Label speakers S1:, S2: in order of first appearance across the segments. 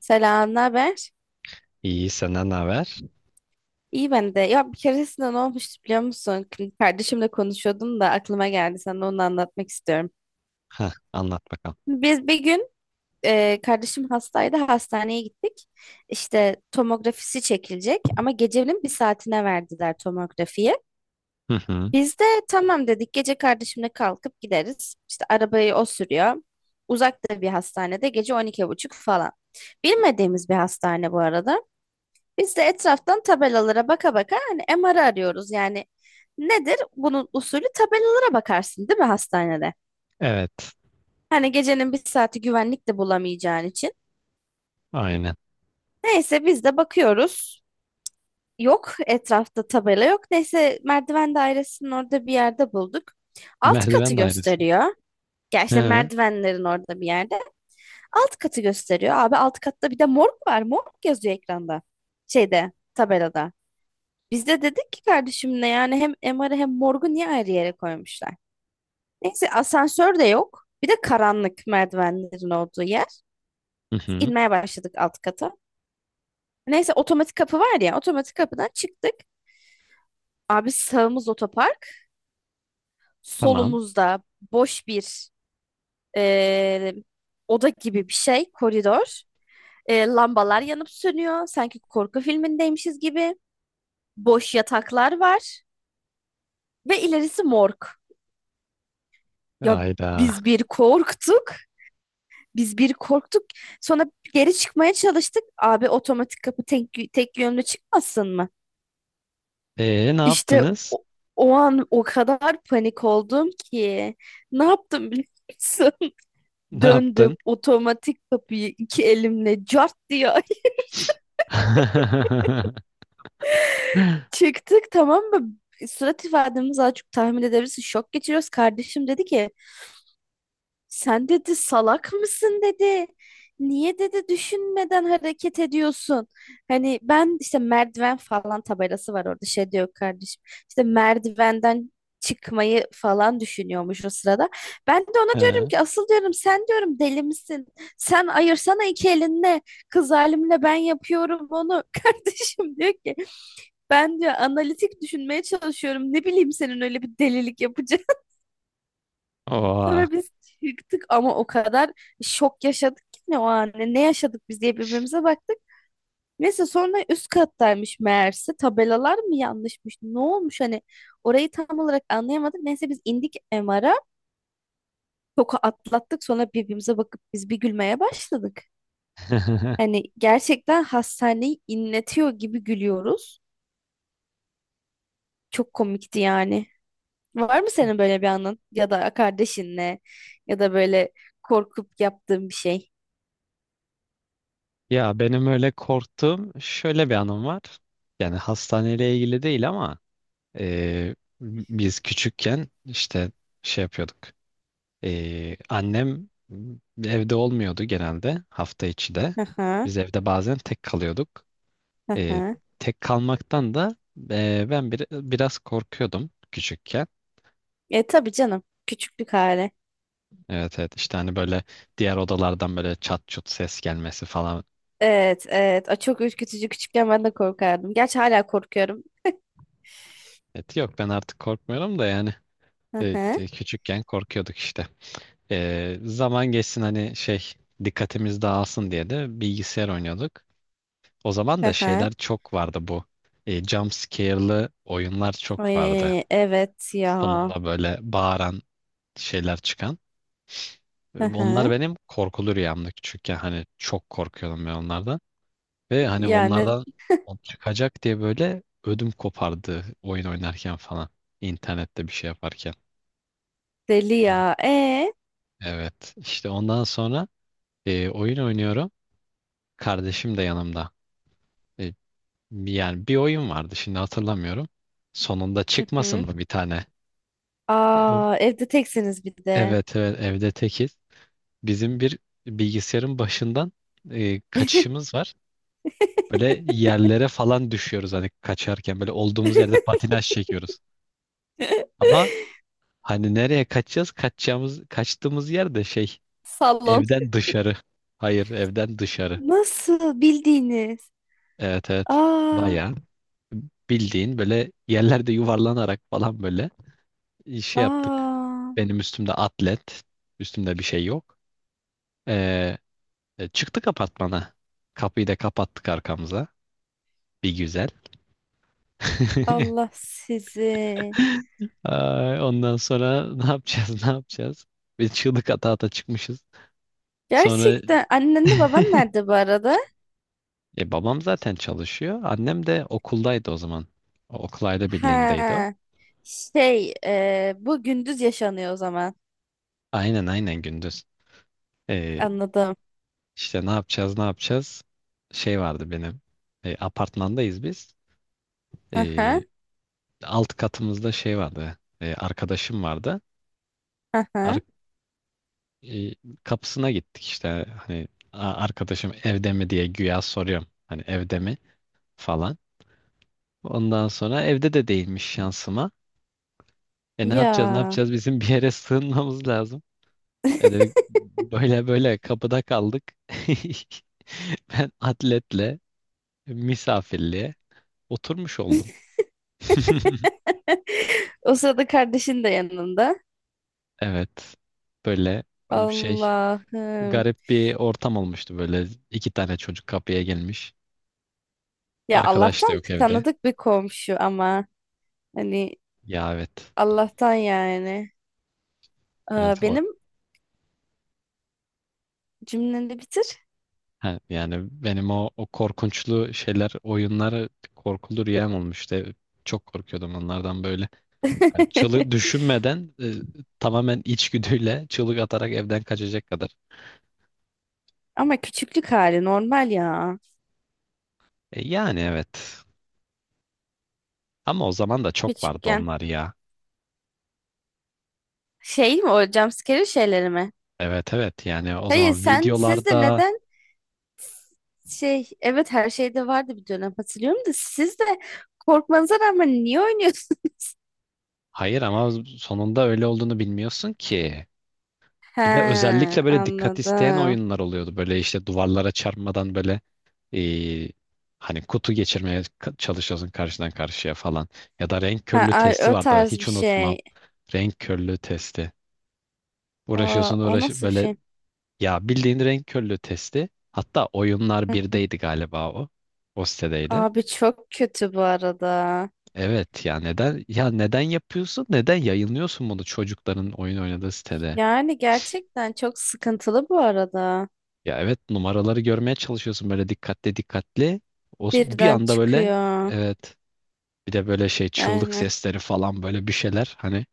S1: Selam, ne haber?
S2: İyi senden ne haber?
S1: İyi ben de. Ya bir keresinde ne olmuştu biliyor musun? Kardeşimle konuşuyordum da aklıma geldi. Sana onu anlatmak istiyorum.
S2: Heh, anlat bakalım.
S1: Biz bir gün kardeşim hastaydı. Hastaneye gittik. İşte tomografisi çekilecek ama gecenin bir saatine verdiler tomografiyi.
S2: Hı hı.
S1: Biz de tamam dedik. Gece kardeşimle kalkıp gideriz. İşte arabayı o sürüyor. Uzakta bir hastanede gece on iki buçuk falan. Bilmediğimiz bir hastane bu arada. Biz de etraftan tabelalara baka baka hani MR arıyoruz yani. Nedir? Bunun usulü tabelalara bakarsın değil mi hastanede?
S2: Evet.
S1: Hani gecenin bir saati güvenlik de bulamayacağın için.
S2: Aynen.
S1: Neyse biz de bakıyoruz. Yok etrafta tabela yok. Neyse merdiven dairesinin orada bir yerde bulduk. Alt katı
S2: Merdiven dairesi.
S1: gösteriyor. Ya
S2: He.
S1: işte
S2: Hı
S1: merdivenlerin orada bir yerde. Alt katı gösteriyor. Abi alt katta bir de morg var. Morg yazıyor ekranda. Şeyde tabelada. Biz de dedik ki kardeşimle yani hem MR'ı hem morgu niye ayrı yere koymuşlar? Neyse asansör de yok. Bir de karanlık merdivenlerin olduğu yer.
S2: hı.
S1: İnmeye başladık alt kata. Neyse otomatik kapı var ya, otomatik kapıdan çıktık. Abi sağımız otopark.
S2: Tamam.
S1: Solumuzda boş bir eee, oda gibi bir şey, koridor. Lambalar yanıp sönüyor. Sanki korku filmindeymişiz gibi. Boş yataklar var. Ve ilerisi morg. Ya
S2: Ayda.
S1: biz bir korktuk. Biz bir korktuk. Sonra geri çıkmaya çalıştık. Abi otomatik kapı tek, tek yönlü çıkmasın mı?
S2: E ne
S1: İşte
S2: yaptınız?
S1: o, o an o kadar panik oldum ki. Ne yaptım biliyor musun?
S2: Ne
S1: Döndüm
S2: yaptın?
S1: otomatik kapıyı iki elimle cart diye çıktık, tamam mı? Surat ifademiz az çok tahmin edebilirsin. Şok geçiriyoruz. Kardeşim dedi ki sen dedi salak mısın dedi. Niye dedi düşünmeden hareket ediyorsun? Hani ben işte merdiven falan tabelası var orada şey diyor kardeşim. İşte merdivenden çıkmayı falan düşünüyormuş o sırada. Ben de ona diyorum
S2: He.
S1: ki asıl diyorum sen diyorum deli misin? Sen ayırsana iki elinle. Kız halimle ben yapıyorum onu. Kardeşim diyor ki ben diyor analitik düşünmeye çalışıyorum. Ne bileyim senin öyle bir delilik yapacağını.
S2: Oha.
S1: Sonra biz çıktık ama o kadar şok yaşadık ki ne o an ne yaşadık biz diye birbirimize baktık. Neyse sonra üst kattaymış meğerse, tabelalar mı yanlışmış ne olmuş, hani orayı tam olarak anlayamadık. Neyse biz indik MR'a, şoku atlattık, sonra birbirimize bakıp biz bir gülmeye başladık. Hani gerçekten hastaneyi inletiyor gibi gülüyoruz. Çok komikti yani. Var mı senin böyle bir anın ya da kardeşinle ya da böyle korkup yaptığın bir şey?
S2: Ya benim öyle korktuğum şöyle bir anım var. Yani hastaneyle ilgili değil ama e, biz küçükken işte şey yapıyorduk. Annem evde olmuyordu genelde hafta içi de.
S1: Hı hı.
S2: Biz evde bazen tek kalıyorduk.
S1: Hı
S2: Ee,
S1: hı.
S2: Tek kalmaktan da ben biraz korkuyordum küçükken.
S1: E tabii canım. Küçüklük hali.
S2: Evet, evet, işte hani böyle diğer odalardan böyle çat çut ses gelmesi falan.
S1: Evet, evet. A, çok ürkütücü, küçükken ben de korkardım. Gerçi hala korkuyorum.
S2: Evet, yok, ben artık korkmuyorum da yani
S1: Hı hı.
S2: küçükken korkuyorduk işte. Zaman geçsin hani şey, dikkatimiz dağılsın diye de bilgisayar oynuyorduk. O zaman
S1: Hı
S2: da
S1: hı.
S2: şeyler çok vardı bu. E, jump scare'lı oyunlar çok vardı.
S1: Ay, evet ya.
S2: Sonunda böyle bağıran şeyler çıkan.
S1: Hı
S2: Onlar
S1: hı.
S2: benim korkulu rüyamdı küçükken. Hani çok korkuyordum ben onlardan. Ve hani
S1: Yani
S2: onlardan o çıkacak diye böyle ödüm kopardı oyun oynarken falan. İnternette bir şey yaparken.
S1: deli
S2: On-
S1: ya. E.
S2: Evet. İşte ondan sonra oyun oynuyorum. Kardeşim de yanımda. E, Yani bir oyun vardı, şimdi hatırlamıyorum. Sonunda
S1: Hı
S2: çıkmasın
S1: hı.
S2: mı bir tane? Ev-
S1: Aa, evde teksiniz bir de.
S2: Evet, evet, evde tekiz. Bizim bir bilgisayarın başından kaçışımız var. Böyle yerlere falan düşüyoruz hani kaçarken, böyle olduğumuz yerde patinaj çekiyoruz. Ama hani nereye kaçacağız? Kaçtığımız yer de şey,
S1: Salon.
S2: evden dışarı. Hayır, evden dışarı.
S1: Nasıl bildiğiniz?
S2: Evet, evet.
S1: Aa,
S2: Bayağı bildiğin böyle yerlerde yuvarlanarak falan böyle şey yaptık.
S1: aa.
S2: Benim üstümde atlet. Üstümde bir şey yok. Ee, Çıktık apartmana. Kapıyı da kapattık arkamıza. Bir güzel.
S1: Allah sizi.
S2: Ay, ondan sonra ne yapacağız, ne yapacağız? Biz çığlık ata ata çıkmışız. Sonra
S1: Gerçekten annenle baban nerede bu arada?
S2: babam zaten çalışıyor. Annem de okuldaydı o zaman. O, okul aile birliğindeydi o.
S1: Ha, şey e, bu gündüz yaşanıyor o zaman.
S2: Aynen, aynen, gündüz. E,
S1: Anladım.
S2: işte ne yapacağız, ne yapacağız? Şey vardı benim. E, apartmandayız biz.
S1: Aha,
S2: E, alt katımızda şey vardı. E, arkadaşım vardı.
S1: aha.
S2: e, Kapısına gittik işte, hani "Aa, arkadaşım evde mi?" diye güya soruyorum. Hani evde mi falan. Ondan sonra evde de değilmiş şansıma. E ne yapacağız, ne
S1: Ya.
S2: yapacağız, bizim bir yere sığınmamız lazım. E dedik, böyle böyle kapıda kaldık. Ben atletle misafirliğe oturmuş oldum.
S1: O sırada kardeşin de yanında.
S2: Evet. Böyle şey,
S1: Allah'ım.
S2: garip bir ortam olmuştu, böyle iki tane çocuk kapıya gelmiş.
S1: Ya
S2: Arkadaş da
S1: Allah'tan
S2: yok evde.
S1: tanıdık bir komşu ama hani
S2: Ya, evet.
S1: Allah'tan yani. Aa,
S2: Evet, o
S1: benim cümleni bitir.
S2: ha, yani benim o korkunçlu şeyler, oyunlar korkulu rüyam olmuştu. E, çok korkuyordum onlardan böyle. Hani çığlık, düşünmeden tamamen içgüdüyle çığlık atarak evden kaçacak kadar.
S1: Ama küçüklük hali normal ya.
S2: E, yani evet. Ama o zaman da çok vardı
S1: Küçükken
S2: onlar ya.
S1: şey mi, o jumpscare şeyleri mi?
S2: Evet, evet, yani o
S1: Hayır
S2: zaman
S1: sen sizde
S2: videolarda,
S1: neden. Şey, evet, her şeyde vardı bir dönem hatırlıyorum da, siz de korkmanıza rağmen niye oynuyorsunuz?
S2: hayır ama sonunda öyle olduğunu bilmiyorsun ki.
S1: He,
S2: Bir de özellikle böyle dikkat isteyen
S1: anladım.
S2: oyunlar oluyordu. Böyle işte duvarlara çarpmadan böyle e, hani kutu geçirmeye çalışıyorsun karşıdan karşıya falan. Ya da renk
S1: Ha,
S2: körlüğü
S1: ay,
S2: testi
S1: o
S2: vardı,
S1: tarz bir
S2: hiç unutmam.
S1: şey.
S2: Renk körlüğü testi.
S1: Aa,
S2: Uğraşıyorsun
S1: o
S2: uğraş
S1: nasıl bir
S2: böyle,
S1: şey?
S2: ya bildiğin renk körlüğü testi. Hatta oyunlar
S1: Hı.
S2: birdeydi galiba o. O sitedeydi.
S1: Abi çok kötü bu arada.
S2: Evet ya, neden ya, neden yapıyorsun? Neden yayınlıyorsun bunu çocukların oyun oynadığı sitede?
S1: Yani gerçekten çok sıkıntılı bu arada.
S2: Ya evet, numaraları görmeye çalışıyorsun böyle dikkatli dikkatli. Bir
S1: Birden
S2: anda böyle,
S1: çıkıyor.
S2: evet. Bir de böyle şey, çığlık
S1: Yani
S2: sesleri falan böyle bir şeyler. Hani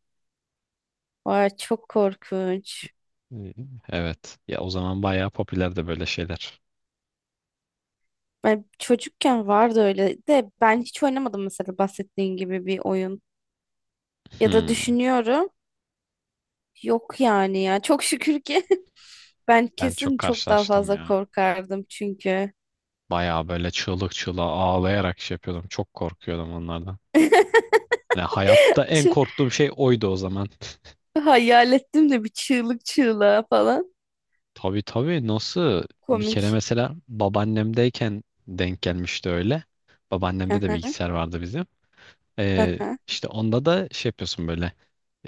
S1: vay çok korkunç.
S2: e, evet. Ya o zaman bayağı popülerdi böyle şeyler.
S1: Ben çocukken vardı öyle de ben hiç oynamadım mesela bahsettiğin gibi bir oyun. Ya da
S2: Hmm.
S1: düşünüyorum. Yok yani ya. Çok şükür ki ben
S2: Ben çok
S1: kesin çok daha
S2: karşılaştım
S1: fazla
S2: ya.
S1: korkardım çünkü.
S2: Bayağı böyle çığlık çığlığa ağlayarak şey yapıyordum. Çok korkuyordum onlardan. Yani hayatta en
S1: Çı-
S2: korktuğum şey oydu o zaman.
S1: hayal ettim de bir çığlık çığlığa falan.
S2: Tabii, tabii, nasıl? Bir kere
S1: Komik.
S2: mesela babaannemdeyken denk gelmişti öyle. Babaannemde de
S1: Aha,
S2: bilgisayar vardı bizim. Ee,
S1: aha,
S2: işte onda da şey yapıyorsun böyle,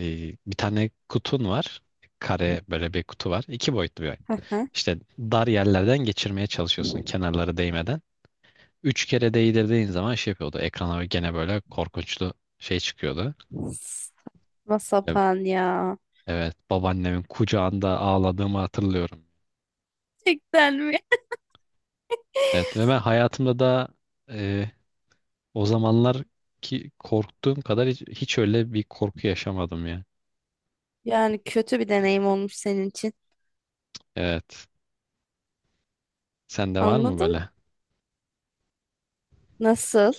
S2: bir tane kutun var. Kare böyle bir kutu var. İki boyutlu bir oyun.
S1: aha.
S2: İşte dar yerlerden geçirmeye çalışıyorsun kenarları değmeden. Üç kere değdirdiğin zaman şey yapıyordu. Ekrana gene böyle korkunçlu şey çıkıyordu.
S1: Saçma
S2: E-
S1: sapan ya.
S2: Evet, babaannemin kucağında ağladığımı hatırlıyorum.
S1: Gerçekten mi?
S2: Evet ve ben hayatımda da e, o zamanlar ki korktuğum kadar hiç öyle bir korku yaşamadım ya.
S1: Yani kötü bir deneyim olmuş senin için.
S2: Evet. Sende var mı
S1: Anladım.
S2: böyle?
S1: Nasıl?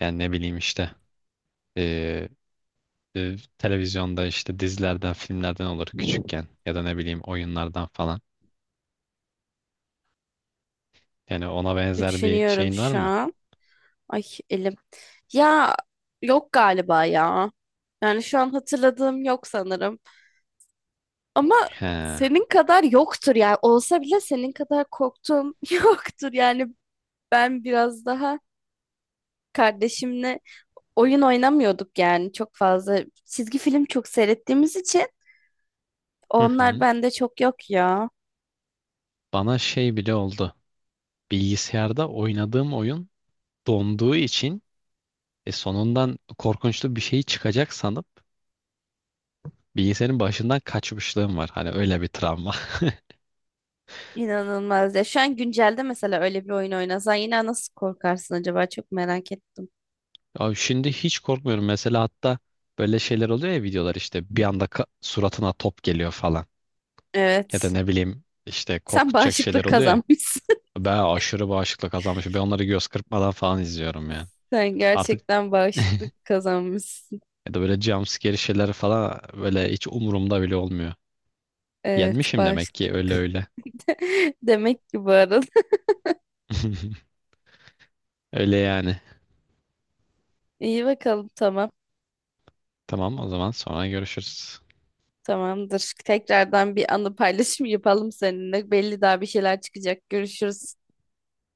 S2: Yani ne bileyim işte. Ee, Televizyonda işte dizilerden, filmlerden olur küçükken, ya da ne bileyim oyunlardan falan. Yani ona benzer bir
S1: Düşünüyorum
S2: şeyin var
S1: şu
S2: mı?
S1: an. Ay elim. Ya yok galiba ya. Yani şu an hatırladığım yok sanırım. Ama
S2: He.
S1: senin kadar yoktur yani. Olsa bile senin kadar korktuğum yoktur. Yani ben biraz daha kardeşimle oyun oynamıyorduk yani çok fazla. Çizgi film çok seyrettiğimiz için
S2: Hı
S1: onlar
S2: hı.
S1: bende çok yok ya.
S2: Bana şey bile oldu. Bilgisayarda oynadığım oyun donduğu için sonundan korkunçlu bir şey çıkacak sanıp bilgisayarın başından kaçmışlığım var. Hani öyle bir travma.
S1: İnanılmaz ya. Şu an güncelde mesela öyle bir oyun oynasan yine nasıl korkarsın acaba? Çok merak ettim.
S2: Abi şimdi hiç korkmuyorum. Mesela hatta böyle şeyler oluyor ya, videolar işte bir anda suratına top geliyor falan. Ya da
S1: Evet.
S2: ne bileyim işte
S1: Sen
S2: korkutacak şeyler
S1: bağışıklık
S2: oluyor ya.
S1: kazanmışsın.
S2: Ben aşırı bağışıklık kazanmışım. Ben onları göz kırpmadan falan izliyorum yani.
S1: Sen
S2: Artık
S1: gerçekten bağışıklık kazanmışsın.
S2: ya da böyle jumpscare şeyler falan, böyle hiç umurumda bile olmuyor.
S1: Evet,
S2: Yenmişim
S1: bağış.
S2: demek ki, öyle öyle.
S1: Demek ki bu arada.
S2: Öyle yani.
S1: İyi bakalım tamam.
S2: Tamam, o zaman sonra görüşürüz.
S1: Tamamdır. Tekrardan bir anı paylaşım yapalım seninle. Belli daha bir şeyler çıkacak. Görüşürüz.